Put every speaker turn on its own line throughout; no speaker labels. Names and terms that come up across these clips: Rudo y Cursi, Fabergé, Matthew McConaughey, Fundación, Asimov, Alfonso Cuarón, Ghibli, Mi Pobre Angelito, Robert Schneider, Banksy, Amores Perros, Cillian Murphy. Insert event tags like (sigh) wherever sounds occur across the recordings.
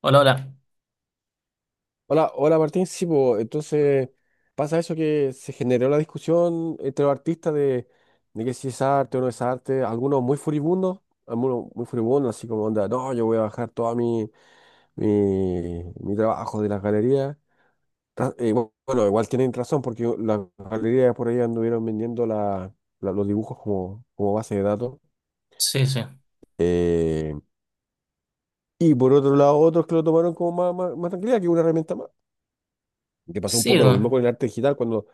Hola, hola.
Hola, hola, Martín. Sí, po, entonces pasa eso, que se generó la discusión entre los artistas de que si es arte o no es arte. Algunos muy furibundos, así como onda, no, yo voy a bajar todo mi trabajo de las galerías. Bueno, igual tienen razón, porque las galerías por ahí anduvieron vendiendo los dibujos como base de datos.
Sí, sí.
Eh, y por otro lado, otros que lo tomaron como más tranquilidad, que una herramienta más. Que pasó un
Sí,
poco lo mismo con el
bueno.
arte digital cuando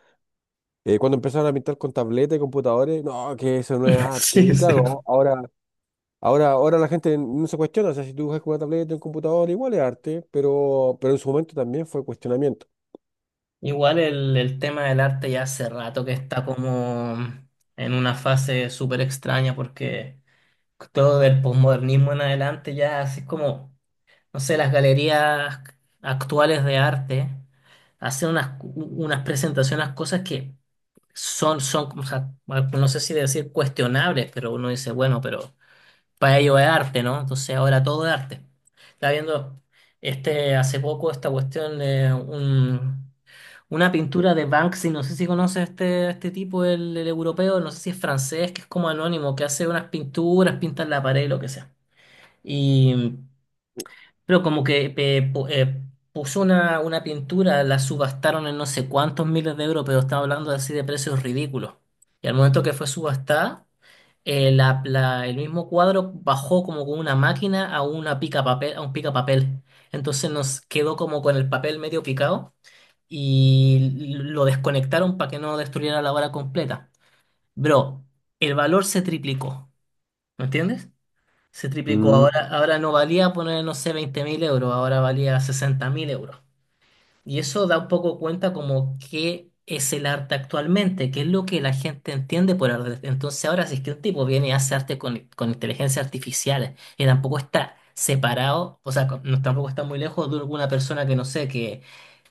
Eh, cuando empezaron a pintar con tabletas y computadores. No, que eso no es
(laughs)
arte.
Sí,
Y
sí.
claro, ahora la gente no se cuestiona. O sea, si tú dibujas con una tableta y un computador, igual es arte, pero en su momento también fue cuestionamiento.
Igual el tema del arte ya hace rato que está como en una fase súper extraña porque todo del posmodernismo en adelante ya así es como, no sé, las galerías actuales de arte hacen unas presentaciones, cosas que son, o sea, no sé si decir cuestionables, pero uno dice, bueno, pero para ello es arte, ¿no? Entonces ahora todo es arte. Estaba viendo hace poco esta cuestión de una pintura de Banksy, no sé si conoces este tipo, el europeo, no sé si es francés, que es como anónimo, que hace unas pinturas, pinta en la pared, lo que sea. Y, pero como que puso una pintura, la subastaron en no sé cuántos miles de euros, pero estaba hablando así de precios ridículos. Y al momento que fue subastada, el mismo cuadro bajó como con una máquina a una pica papel, a un pica papel. Entonces nos quedó como con el papel medio picado y lo desconectaron para que no destruyera la obra completa. Bro, el valor se triplicó, ¿me entiendes? Se triplicó.
Mm.
Ahora, ahora no valía poner, no sé, 20 mil euros, ahora valía 60 mil euros. Y eso da un poco cuenta como qué es el arte actualmente, qué es lo que la gente entiende por arte. Entonces ahora si es que un tipo viene y hace arte con inteligencia artificial y tampoco está separado, o sea, tampoco está muy lejos de alguna persona que no sé,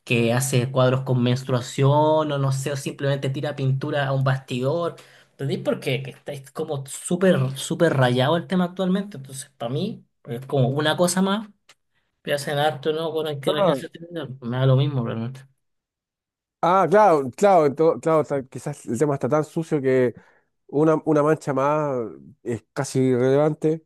que hace cuadros con menstruación o no sé, o simplemente tira pintura a un bastidor. ¿Entendéis por qué? Que está es como súper, súper rayado el tema actualmente. Entonces para mí es como una cosa más. Que hacen arte o no con
Ah,
inteligencia artificial, me da lo mismo realmente.
ah, claro, claro, claro, quizás el tema está tan sucio que una mancha más es casi irrelevante.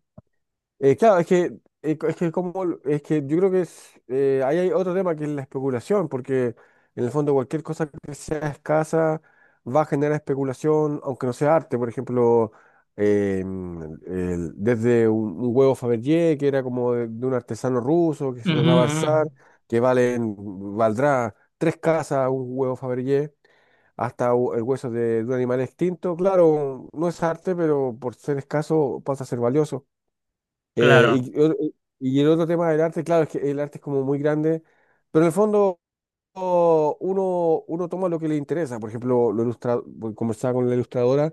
Claro, es que, es que como, es que yo creo que es, ahí hay otro tema, que es la especulación, porque en el fondo cualquier cosa que sea escasa va a generar especulación, aunque no sea arte. Por ejemplo, desde un huevo Fabergé, que era como de un artesano ruso que
Ujú,
se trataba al
ujú.
zar, que valen, valdrá tres casas un huevo Fabergé, hasta el hueso de un animal extinto. Claro, no es arte, pero por ser escaso pasa a ser valioso. Eh,
Claro.
y, o- y el otro tema del arte, claro, es que el arte es como muy grande, pero en el fondo uno toma lo que le interesa. Por ejemplo, lo ilustra, bueno, conversaba con la ilustradora,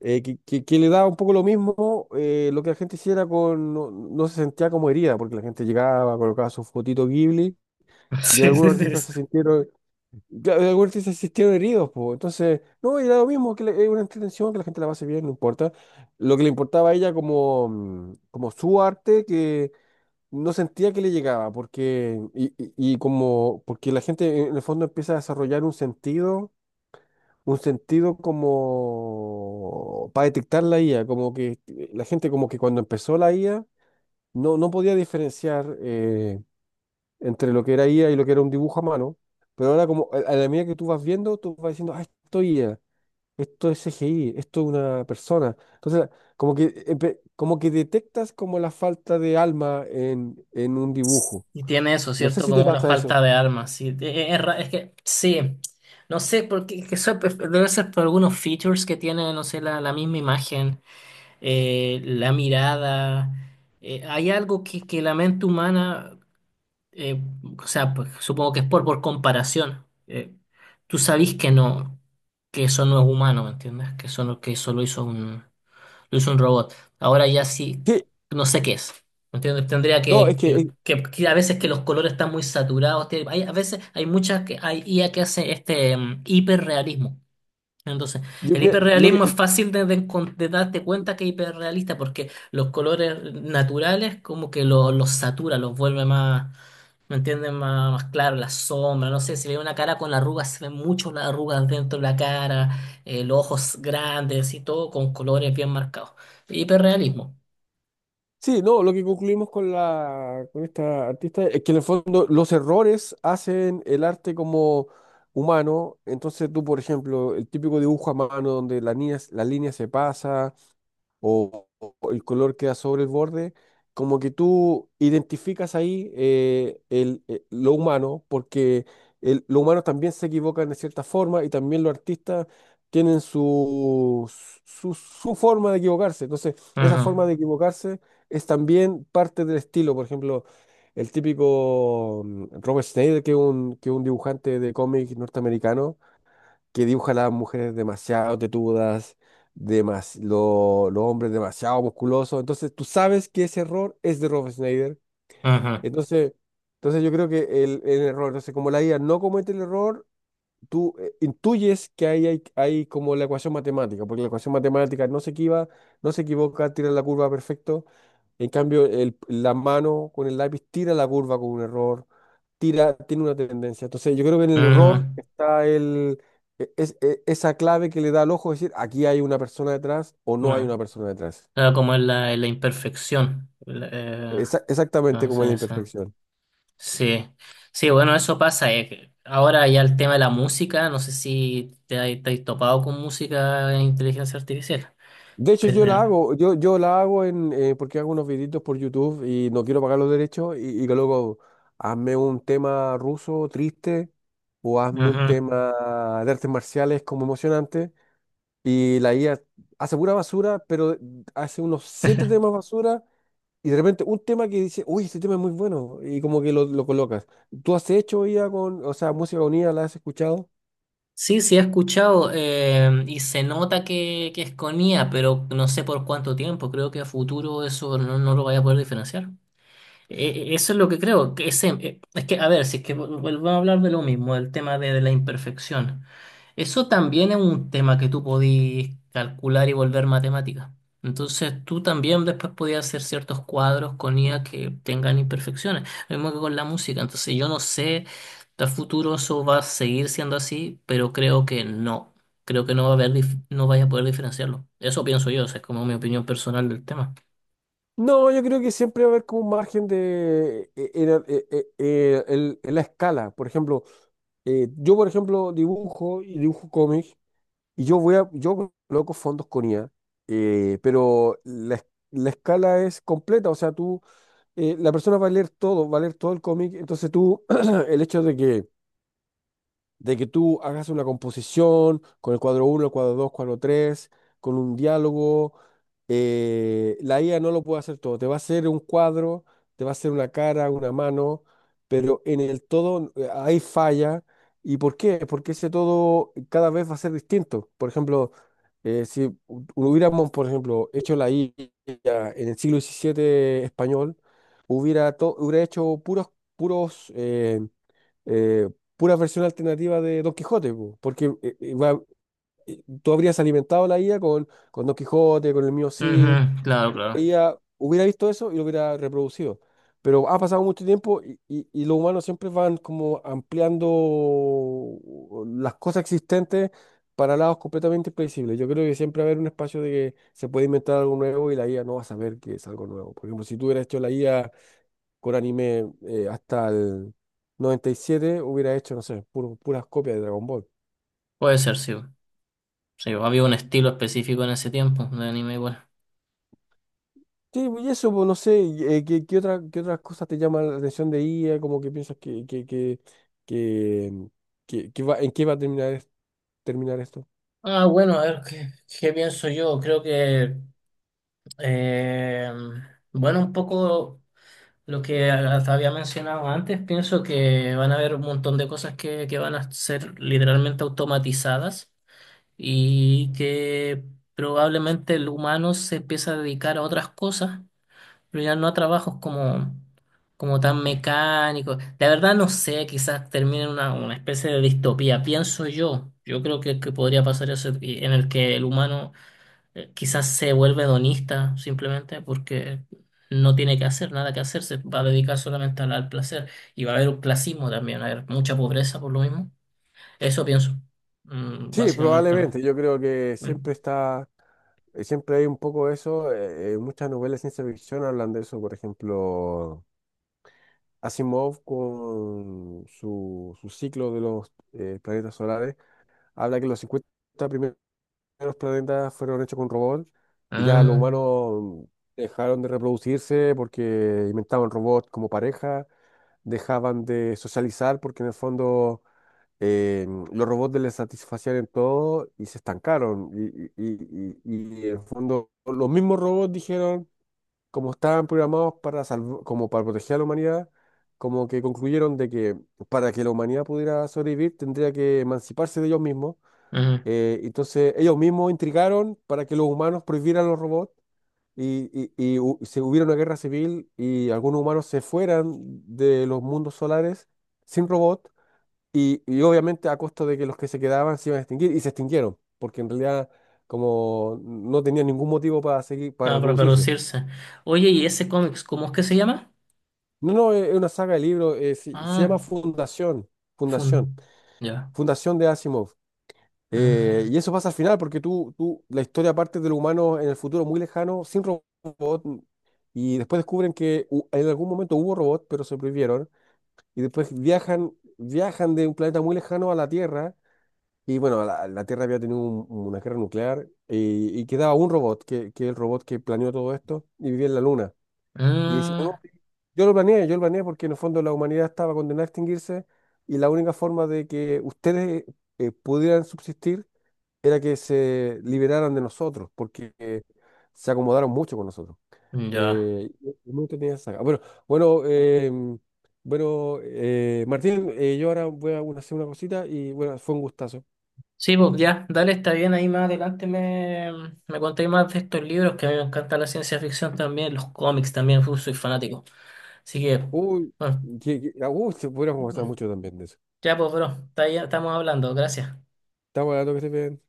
que le daba un poco lo mismo lo que la gente hiciera con, no, no se sentía como herida, porque la gente llegaba, colocaba su fotito Ghibli,
(laughs)
y
Sí, sí,
algunos
sí,
artistas
sí.
se sintieron, claro, y algunos artistas se sintieron heridos, po. Entonces, no, era lo mismo, es una entretención, que la gente la pase bien, no importa. Lo que le importaba a ella como, como su arte, que no sentía que le llegaba, porque, porque la gente en el fondo empieza a desarrollar un sentido como para detectar la IA. Como que la gente, como que cuando empezó la IA no, no podía diferenciar entre lo que era IA y lo que era un dibujo a mano, pero ahora, como a la medida que tú vas viendo, tú vas diciendo, ah, esto es IA, esto es CGI, esto es una persona. Entonces, como que, como que detectas como la falta de alma en un dibujo.
Y tiene eso,
No sé
¿cierto?
si te
Como una
pasa eso.
falta de armas. Sí. Es que, sí. No sé, porque que eso pues, debe ser por algunos features que tiene, no sé, la misma imagen, la mirada. Hay algo que la mente humana, eh, o sea, pues, supongo que es por comparación. Tú sabís que no, que eso no es humano, ¿me entiendes? Que eso, que eso lo hizo un robot. Ahora ya sí,
Sí,
no sé qué es. ¿Me ¿Entiendes? Tendría
no,
que,
es que
que a veces que los colores están muy saturados. Hay, a veces hay muchas que hay IA que hace hiperrealismo. Entonces,
yo,
el
mira, lo que
hiperrealismo es fácil de de darte cuenta que es hiperrealista porque los colores naturales como que los satura, los vuelve más, ¿me entiendes? Más claro, la sombra, no sé, si ve una cara con arrugas, se ven mucho las arrugas dentro de la cara, los ojos grandes y todo con colores bien marcados. Hiperrealismo.
sí, no, lo que concluimos con esta artista es que en el fondo los errores hacen el arte como humano. Entonces tú, por ejemplo, el típico dibujo a mano donde la línea se pasa, o el color queda sobre el borde, como que tú identificas ahí lo humano, porque lo humano también se equivocan de cierta forma, y también los artistas tienen su, su forma de equivocarse. Entonces, esa
Ajá,
forma de equivocarse es también parte del estilo. Por ejemplo, el típico Robert Schneider, que es un dibujante de cómic norteamericano, que dibuja a las mujeres demasiado tetudas, los hombres demasiado musculosos. Entonces tú sabes que ese error es de Rob Schneider.
ajá,
Entonces, entonces yo creo que el error, entonces como la IA no comete el error, tú intuyes que ahí hay como la ecuación matemática, porque la ecuación matemática no se equivoca, tira la curva perfecto. En cambio, la mano con el lápiz tira la curva con un error, tiene una tendencia. Entonces, yo creo que en el error
ajá,
está el, e- es- e- esa clave que le da al ojo decir, aquí hay una persona detrás o no hay
ajá.
una persona detrás.
Claro, como en la imperfección.
Exactamente,
No
como en la
sé, sí.
imperfección.
Sí, sí, bueno, eso pasa. Que Ahora ya el tema de la música, no sé si te has topado con música en inteligencia artificial,
De hecho,
pero
yo la hago, porque hago unos videitos por YouTube, y no quiero pagar los derechos, y que luego, hazme un tema ruso triste, o hazme un
ujú.
tema de artes marciales como emocionante, y la IA hace pura basura, pero hace unos siete temas basura, y de repente un tema que dice, uy, este tema es muy bueno, y como que lo colocas. ¿Tú has hecho IA con, o sea, música con IA? ¿La has escuchado?
Sí, sí, he escuchado y se nota que es con IA, pero no sé por cuánto tiempo, creo que a futuro eso no lo vaya a poder diferenciar. Eso es lo que creo, que es que, a ver, si es que vuelvo a hablar de lo mismo, el tema de la imperfección. Eso también es un tema que tú podías calcular y volver matemática. Entonces tú también después podías hacer ciertos cuadros con IA que tengan imperfecciones. Lo mismo que con la música. Entonces yo no sé, a futuro eso va a seguir siendo así, pero creo que no. Creo que no va a haber, no vaya a poder diferenciarlo. Eso pienso yo, o sea, es como mi opinión personal del tema.
No, yo creo que siempre va a haber como un margen de en la escala. Por ejemplo, yo por ejemplo dibujo, y dibujo cómics, y yo voy a yo coloco fondos con IA, pero la escala es completa. O sea, tú, la persona va a leer todo, va a leer todo el cómic. Entonces tú (clears throat) el hecho de que, de que tú hagas una composición con el cuadro uno, el cuadro 2, cuadro 3, con un diálogo, la IA no lo puede hacer todo. Te va a hacer un cuadro, te va a hacer una cara, una mano, pero en el todo hay falla. ¿Y por qué? Porque ese todo cada vez va a ser distinto. Por ejemplo, si hu- hubiéramos, por ejemplo, hecho la IA en el siglo XVII español, hubiera, hubiera hecho puros, puros, eh, eh, pura versión alternativa de Don Quijote, po, porque tú habrías alimentado la IA con Don Quijote, con el mío Cid,
Ujú, claro,
y la
claro.
IA hubiera visto eso y lo hubiera reproducido. Pero ha pasado mucho tiempo, y los humanos siempre van como ampliando las cosas existentes para lados completamente imprevisibles. Yo creo que siempre va a haber un espacio de que se puede inventar algo nuevo, y la IA no va a saber que es algo nuevo. Por ejemplo, si tú hubieras hecho la IA con anime hasta el 97, hubiera hecho, no sé, puras copias de Dragon Ball.
Puede ser, sí. Sí, había un estilo específico en ese tiempo de anime igual.
Sí, y eso, pues no sé, y, ¿qué, qué otras cosas te llaman la atención de IA? Como que piensas que, que, mm, que va, ¿en qué va a terminar, terminar esto?
Ah, bueno, a ver, ¿qué, pienso yo? Creo que, eh, bueno, un poco lo que hasta había mencionado antes, pienso que van a haber un montón de cosas que van a ser literalmente automatizadas y que probablemente el humano se empieza a dedicar a otras cosas pero ya no a trabajos como tan mecánicos. La verdad no sé, quizás termine en una especie de distopía, pienso yo. Yo creo que podría pasar eso en el que el humano quizás se vuelve hedonista simplemente porque no tiene que hacer nada que hacer, se va a dedicar solamente al placer y va a haber un clasismo también, va a haber mucha pobreza por lo mismo. Eso pienso,
Sí,
básicamente.
probablemente. Yo creo que
Mm.
siempre hay un poco de eso. Muchas novelas de ciencia ficción hablan de eso. Por ejemplo, Asimov, con su, su ciclo de los planetas solares, habla que los 50 los planetas fueron hechos con robots, y ya los
Ah,
humanos dejaron de reproducirse porque inventaban robots como pareja, dejaban de socializar porque en el fondo eh, los robots les satisfacían en todo y se estancaron. Y en el fondo los mismos robots dijeron, como estaban programados para como para proteger a la humanidad, como que concluyeron de que para que la humanidad pudiera sobrevivir tendría que emanciparse de ellos mismos.
ujú.
Entonces, ellos mismos intrigaron para que los humanos prohibieran los robots, y, y se hubiera una guerra civil y algunos humanos se fueran de los mundos solares sin robot, y obviamente a costa de que los que se quedaban se iban a extinguir. Y se extinguieron, porque en realidad como no tenían ningún motivo para seguir, para
Ah, para
reproducirse.
producirse. Oye, ¿y ese cómics, cómo es que se llama?
No, no, es una saga de libros. Se
Ah,
llama Fundación, Fundación,
fun. Ya.
Fundación de Asimov. Eh,
Mm,
y eso pasa al final, porque tú, la historia parte del humano en el futuro muy lejano, sin robot. Y después descubren que en algún momento hubo robot, pero se prohibieron, y después viajan, viajan de un planeta muy lejano a la Tierra. Y bueno, la Tierra había tenido una guerra nuclear, y quedaba un robot, que es el robot que planeó todo esto, y vivía en la Luna. Y decía,
mm,
no, yo lo planeé, yo lo planeé, porque en el fondo la humanidad estaba condenada a extinguirse, y la única forma de que ustedes pudieran subsistir era que se liberaran de nosotros, porque se acomodaron mucho con nosotros.
ya.
Eh, y muy entretenida esa saga. Bueno, bueno, em, bueno, Martín, yo ahora voy a hacer una cosita y bueno, fue un gustazo.
Sí, pues ya, dale, está bien. Ahí más adelante me contéis más de estos libros que a mí me encanta la ciencia ficción también, los cómics también, uf, soy fanático. Así que,
Uy,
bueno,
se podría conversar mucho también de eso.
ya pues, bro, estamos hablando. Gracias.
Estamos hablando. Que estés bien.